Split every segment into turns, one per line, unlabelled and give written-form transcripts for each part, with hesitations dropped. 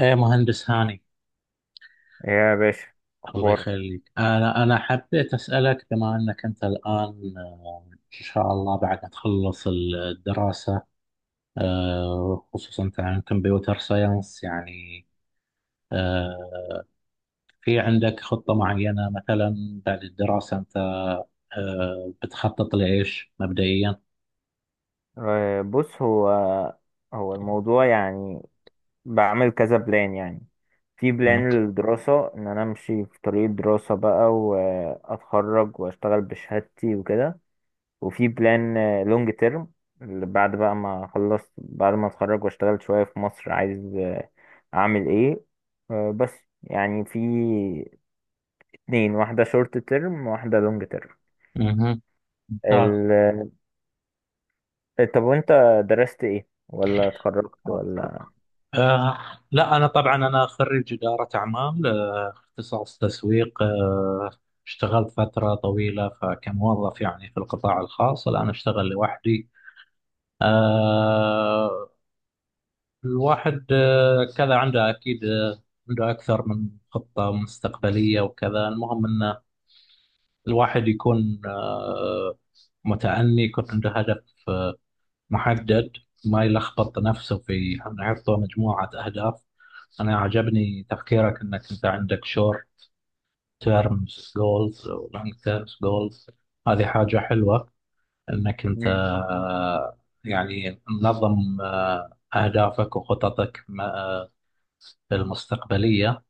ايه مهندس هاني.
ايه يا باشا،
الله
اخبارك؟
يخليك، انا حبيت اسالك بما انك انت الان، ان شاء الله بعد ما تخلص الدراسه، خصوصا انت عن كمبيوتر ساينس يعني، آه، في عندك خطه معينه مثلا بعد الدراسه انت، بتخطط لايش مبدئيا؟
بص، هو الموضوع يعني بعمل كذا بلان. يعني في
مم.
بلان للدراسة ان انا امشي في طريق الدراسة بقى واتخرج واشتغل بشهادتي وكده، وفي بلان لونج تيرم بعد بقى ما اخلص، بعد ما اتخرج واشتغل شوية في مصر عايز اعمل ايه بس يعني في اتنين، واحدة شورت تيرم وواحدة لونج
مهم. ممتاز.
تيرم. طب وانت درست ايه ولا اتخرجت ولا؟
آه لا، أنا طبعا خريج إدارة أعمال، اختصاص تسويق. اشتغلت فترة طويلة فكموظف يعني في القطاع الخاص، الآن أشتغل لوحدي. آه، الواحد كذا عنده أكيد، عنده أكثر من خطة مستقبلية وكذا. المهم أن الواحد يكون متأني، يكون عنده هدف آه، محدد، ما يلخبط نفسه في أنه يحط مجموعة أهداف. أنا عجبني تفكيرك أنك أنت عندك شور تيرمز جولز ولونج تيرمز جولز، هذه حاجة حلوة، انك انت،
مم.
يعني منظم، اهدافك وخططك المستقبلية.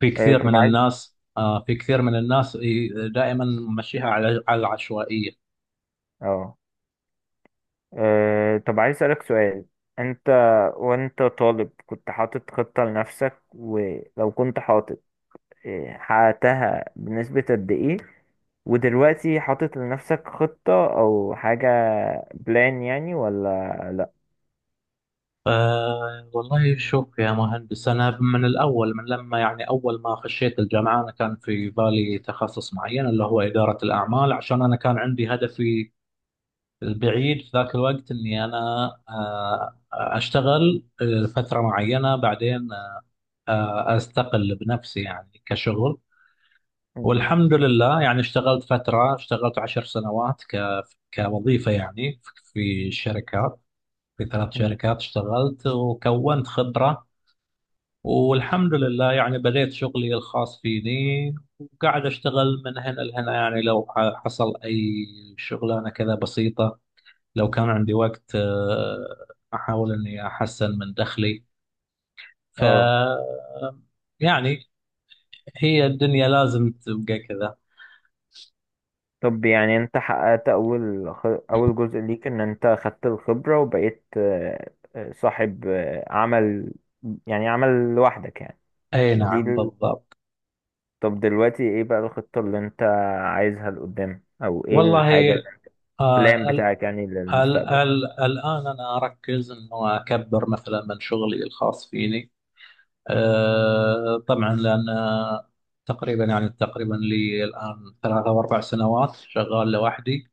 في
إيه،
كثير
طب
من
عايز
الناس، في كثير من الناس دائما ممشيها على العشوائية.
اه إيه، طب عايز اسالك سؤال، انت وانت طالب كنت حاطط خطة لنفسك؟ ولو كنت حاطط، حققتها بنسبة قد ايه؟ ودلوقتي حاطط لنفسك خطة او حاجة بلان يعني ولا لا؟
والله شوف يا مهندس، أنا من الأول، من لما يعني أول ما خشيت الجامعة، أنا كان في بالي تخصص معين اللي هو إدارة الأعمال، عشان أنا كان عندي هدفي البعيد في ذاك الوقت اني اشتغل فتره معينه، بعدين استقل بنفسي يعني كشغل.
مم.
والحمد لله يعني اشتغلت فتره، اشتغلت 10 سنوات كوظيفه يعني، في شركات، في ثلاث
مم.
شركات اشتغلت وكونت خبره. والحمد لله يعني بديت شغلي الخاص فيني، وقاعد اشتغل من هنا لهنا يعني، لو حصل اي شغلانه كذا بسيطه، لو كان عندي وقت، أحاول إني أحسن من دخلي. ف
اه
يعني هي الدنيا لازم تبقى كذا.
طب يعني انت حققت اول جزء ليك ان انت خدت الخبرة وبقيت، صاحب عمل، يعني عمل لوحدك يعني.
أي
دي
نعم،
ال...
بالضبط.
طب دلوقتي ايه بقى الخطة اللي انت عايزها لقدام، او ايه
والله،
الحاجة اللي- البلان
ال
بتاعك يعني
ال
للمستقبل؟
ال الآن أنا أركز إنه أكبر مثلا من شغلي الخاص فيني. طبعا، لأن تقريبا يعني تقريبا لي الآن 3 أو 4 سنوات شغال لوحدي.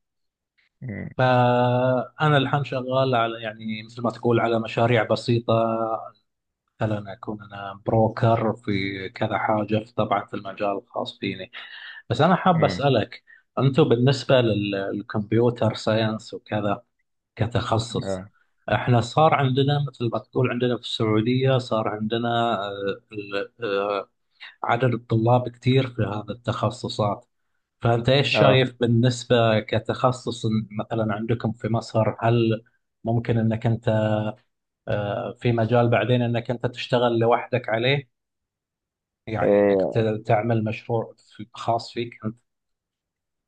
مم.
فأنا الحين شغال على يعني مثل ما تقول على مشاريع بسيطة، مثلا أكون أنا بروكر في كذا حاجة، في طبعا في المجال الخاص فيني. بس أنا حاب
مم.
أسألك، أنتم بالنسبة للكمبيوتر ساينس وكذا كتخصص،
اه
احنا صار عندنا مثل ما تقول، عندنا في السعودية صار عندنا، آه، ال- آه، عدد الطلاب كتير في هذا التخصصات. فأنت إيش
اه
شايف بالنسبة كتخصص مثلا عندكم في مصر، هل ممكن أنك أنت في مجال بعدين أنك أنت تشتغل لوحدك عليه؟ يعني انك
آه،
تعمل مشروع خاص فيك انت.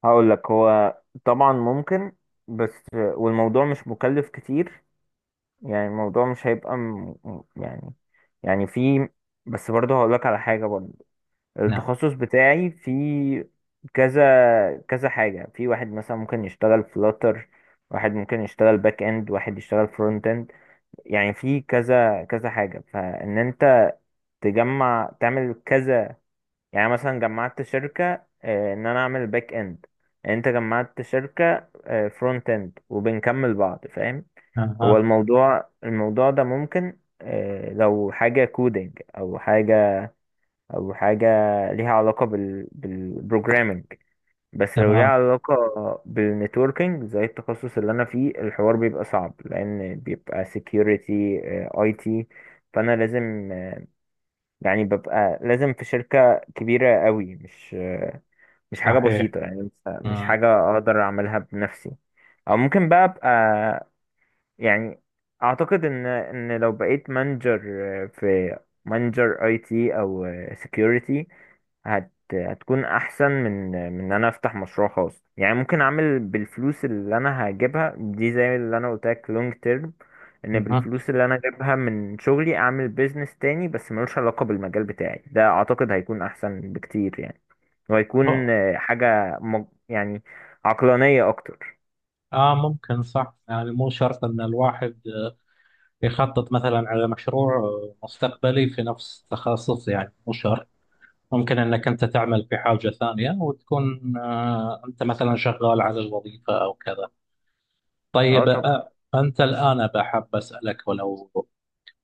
هقول لك، هو طبعا ممكن، بس والموضوع مش مكلف كتير، يعني الموضوع مش يعني، يعني في، بس برضه هقولك على حاجة برضه.
نعم.
التخصص بتاعي في كذا كذا حاجة، في واحد مثلا ممكن يشتغل فلاتر، واحد ممكن يشتغل باك اند، واحد يشتغل فرونت اند. يعني في كذا حاجة، فإن أنت تجمع تعمل كذا، يعني مثلا جمعت شركة إن أنا أعمل باك اند، أنت جمعت شركة فرونت اند وبنكمل بعض، فاهم؟ هو
اها.
الموضوع الموضوع ده ممكن لو حاجة كودينج أو حاجة، أو حاجة ليها علاقة بالبروجرامينج. بس لو ليها
تمام.
علاقة بالنتوركينج زي التخصص اللي أنا فيه، الحوار بيبقى صعب، لأن بيبقى security، IT، فأنا لازم، يعني ببقى لازم في شركة كبيرة قوي، مش مش حاجة
صحيح.
بسيطة، مش
مم.
حاجة أقدر أعملها بنفسي. أو ممكن بقى أبقى، يعني اعتقد ان لو بقيت مانجر في، مانجر اي تي او سكيورتي، هتكون احسن من ان انا افتح مشروع خاص. يعني ممكن اعمل بالفلوس اللي انا هجيبها دي، زي اللي انا قلت لك لونج تيرم، ان
اها.
بالفلوس اللي انا جايبها من شغلي اعمل بيزنس تاني بس ملوش علاقة بالمجال بتاعي ده، اعتقد هيكون احسن بكتير يعني. وهيكون
هو-
حاجة يعني عقلانية اكتر.
اه ممكن، صح، يعني مو شرط ان الواحد يخطط مثلا على مشروع مستقبلي في نفس تخصص، يعني مو شرط، ممكن انك انت تعمل في حاجة ثانية وتكون، انت مثلا شغال على الوظيفة او كذا.
اه
طيب،
طب
انت الان بحب اسالك، ولو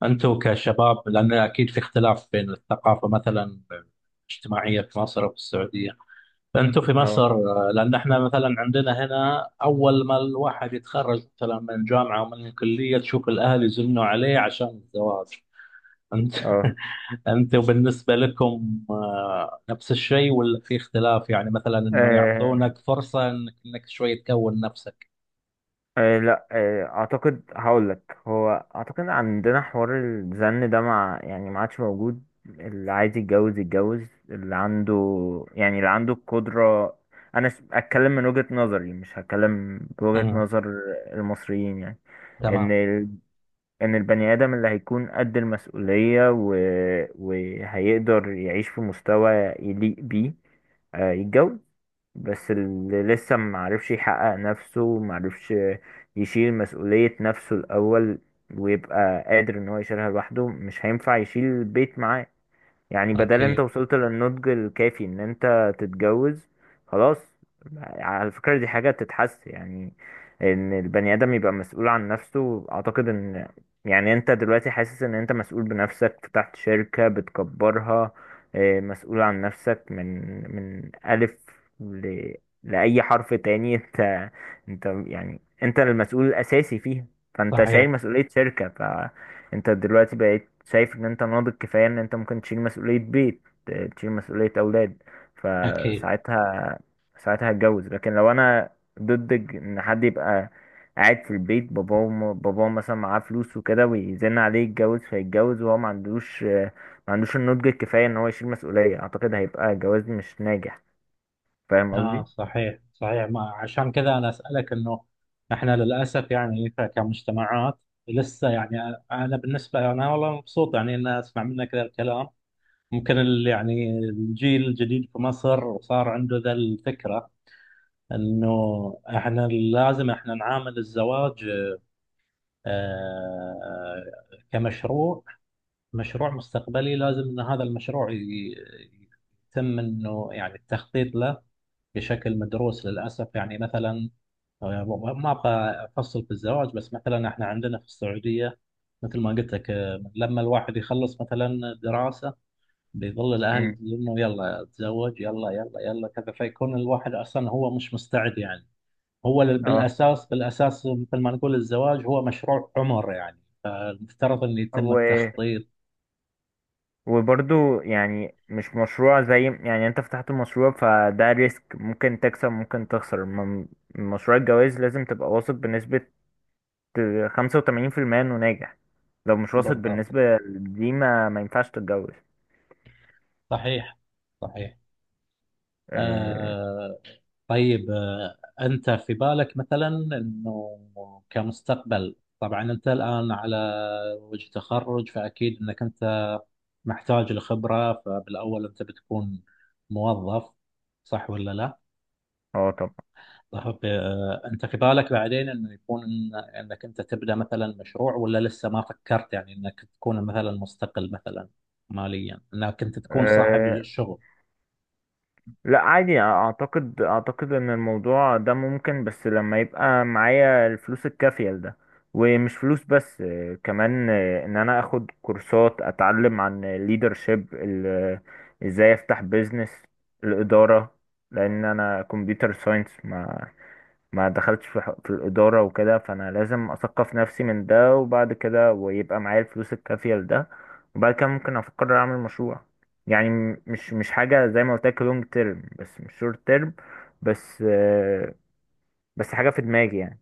أنتوا كشباب، لأن أكيد في اختلاف بين الثقافة مثلا الاجتماعية في مصر وفي السعودية، فأنتوا في
اه
مصر، لأن إحنا مثلا عندنا هنا أول ما الواحد يتخرج مثلا من جامعة ومن الكلية، تشوف الأهل يزنوا عليه عشان الزواج. أنت
اه
أنتوا بالنسبة لكم، نفس الشيء ولا في اختلاف؟ يعني مثلا إنه
آه
يعطونك فرصة إنك شوي تكون نفسك؟
آه لا آه اعتقد، هقول لك، هو اعتقد عندنا حوار الزن ده مع، يعني ما عادش موجود، اللي عايز يتجوز يتجوز، اللي عنده، اللي عنده القدرة. انا اتكلم من وجهة نظري، مش هتكلم بوجهة
امم.
نظر المصريين يعني. ان
تمام.
ال... ان البني ادم اللي هيكون قد المسؤولية، وهيقدر يعيش في مستوى يليق بيه، يتجوز. بس اللي لسه معرفش يحقق نفسه، معرفش يشيل مسؤولية نفسه الأول ويبقى قادر إن هو يشيلها لوحده، مش هينفع يشيل البيت معاه. يعني بدل انت
أكيد.
وصلت للنضج الكافي ان انت تتجوز، خلاص. على فكرة دي حاجة تتحس، يعني ان البني ادم يبقى مسؤول عن نفسه. اعتقد ان، يعني انت دلوقتي حاسس ان انت مسؤول بنفسك، فتحت شركة بتكبرها، اه، مسؤول عن نفسك من، من الف ل... لأي حرف تاني انت، انت يعني انت المسؤول الاساسي فيها، فانت شايل
صحيح.
مسؤولية شركة. انت دلوقتي بقيت شايف ان انت ناضج كفاية ان انت ممكن تشيل مسؤولية بيت، تشيل مسؤولية اولاد،
أكيد.
فساعتها ساعتها هتجوز. لكن لو انا ضد ان حد يبقى قاعد في البيت، باباه باباه مثلا معاه فلوس وكده ويزن عليه يتجوز، فيتجوز وهو ما عندوش، ما عندوش النضج الكفاية ان هو يشيل مسؤولية، اعتقد هيبقى جواز مش ناجح. فاهم
اه.
قصدي؟
صحيح، صحيح. ما عشان كذا انا اسالك، انه احنا للاسف يعني كمجتمعات لسه يعني، انا بالنسبه انا والله مبسوط يعني ان اسمع منك ذا الكلام. ممكن يعني الجيل الجديد في مصر صار عنده ذا الفكره، انه احنا لازم نعامل الزواج آه كمشروع، مشروع مستقبلي. لازم ان هذا المشروع يتم انه يعني التخطيط له بشكل مدروس. للاسف يعني مثلا، آه، ما ابغى افصل في الزواج، بس مثلا احنا عندنا في السعوديه مثل ما قلت لك، لما الواحد يخلص مثلا دراسه، بيظل الاهل
امم
انه يلا اتزوج يلا يلا يلا كذا، فيكون الواحد اصلا هو مش مستعد يعني. هو بالاساس، بالاساس مثل ما نقول الزواج هو مشروع عمر يعني، المفترض ان يتم
اه
التخطيط.
وبرضو يعني مش مشروع زي، يعني انت فتحت المشروع فده ريسك، ممكن تكسب ممكن تخسر. مشروع الجواز لازم تبقى واثق بنسبة 85% انه ناجح. لو مش واثق
بالضبط.
بالنسبة دي، ما ينفعش تتجوز.
صحيح. صحيح.
اه
آه، طيب، أنت في بالك مثلا أنه كمستقبل، طبعا أنت الآن على وجه تخرج، فأكيد أنك أنت محتاج لخبرة، فبالأول أنت بتكون موظف، صح ولا لا؟
طبعا.
طيب، أنت في بالك بعدين أنه يكون أنك أنت تبدأ مثلا مشروع، ولا لسه ما فكرت يعني أنك تكون مثلا مستقل، مثلا ماليا، أنك أنت تكون صاحب
آه،
الشغل؟
لا عادي، اعتقد ان الموضوع ده ممكن، بس لما يبقى معايا الفلوس الكافية لده. ومش فلوس بس، كمان ان انا اخد كورسات، اتعلم عن leadership، ازاي افتح بيزنس، الادارة، لان انا كمبيوتر ساينس، ما دخلتش في في الإدارة وكده، فأنا لازم أثقف نفسي من ده، وبعد كده ويبقى معايا الفلوس الكافية لده، وبعد كده ممكن أفكر أعمل مشروع. يعني مش حاجة، زي ما قلت لك لونج تيرم بس مش شورت تيرم. بس بس حاجة في دماغي يعني.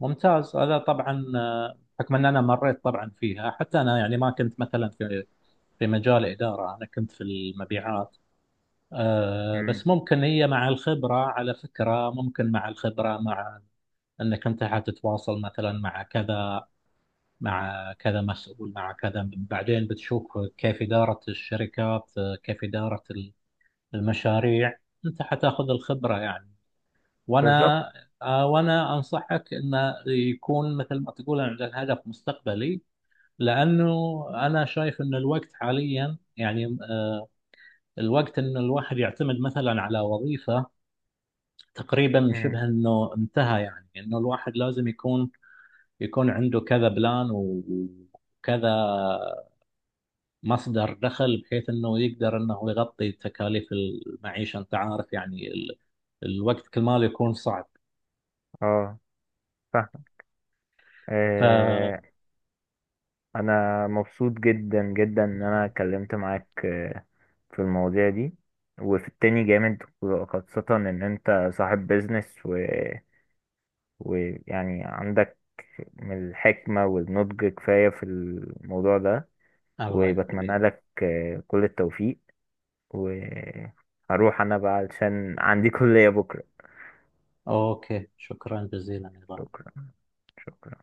ممتاز، هذا طبعا، بحكم ان انا مريت طبعا فيها، حتى انا يعني ما كنت مثلا في مجال اداره، انا كنت في المبيعات. بس
مم.
ممكن هي مع الخبره، على فكره ممكن مع الخبره، مع انك انت حتتواصل مثلا مع كذا، مع كذا مسؤول، مع كذا بعدين بتشوف كيف اداره الشركات، كيف اداره المشاريع، انت حتاخذ الخبره يعني.
بالظبط.
وانا وانا انصحك انه يكون مثل ما تقول عندك هدف مستقبلي، لانه انا شايف ان الوقت حاليا يعني، الوقت ان الواحد يعتمد مثلا على وظيفة تقريبا
مم.
شبه انه انتهى يعني، انه الواحد لازم يكون، عنده كذا بلان وكذا مصدر دخل بحيث انه يقدر انه يغطي تكاليف المعيشة، انت عارف يعني الوقت كل ما يكون صعب.
اه فاهم.
ف
آه، أنا مبسوط جدا إن أنا اتكلمت معاك في المواضيع دي، وفي التاني جامد، خاصة إن أنت صاحب بيزنس و، ويعني عندك من الحكمة والنضج كفاية في الموضوع ده.
الله يخليك.
وبتمنى لك كل التوفيق. وهروح أنا بقى علشان عندي كلية بكرة.
اوكي، شكرا جزيلا.
شكرا. شكرا.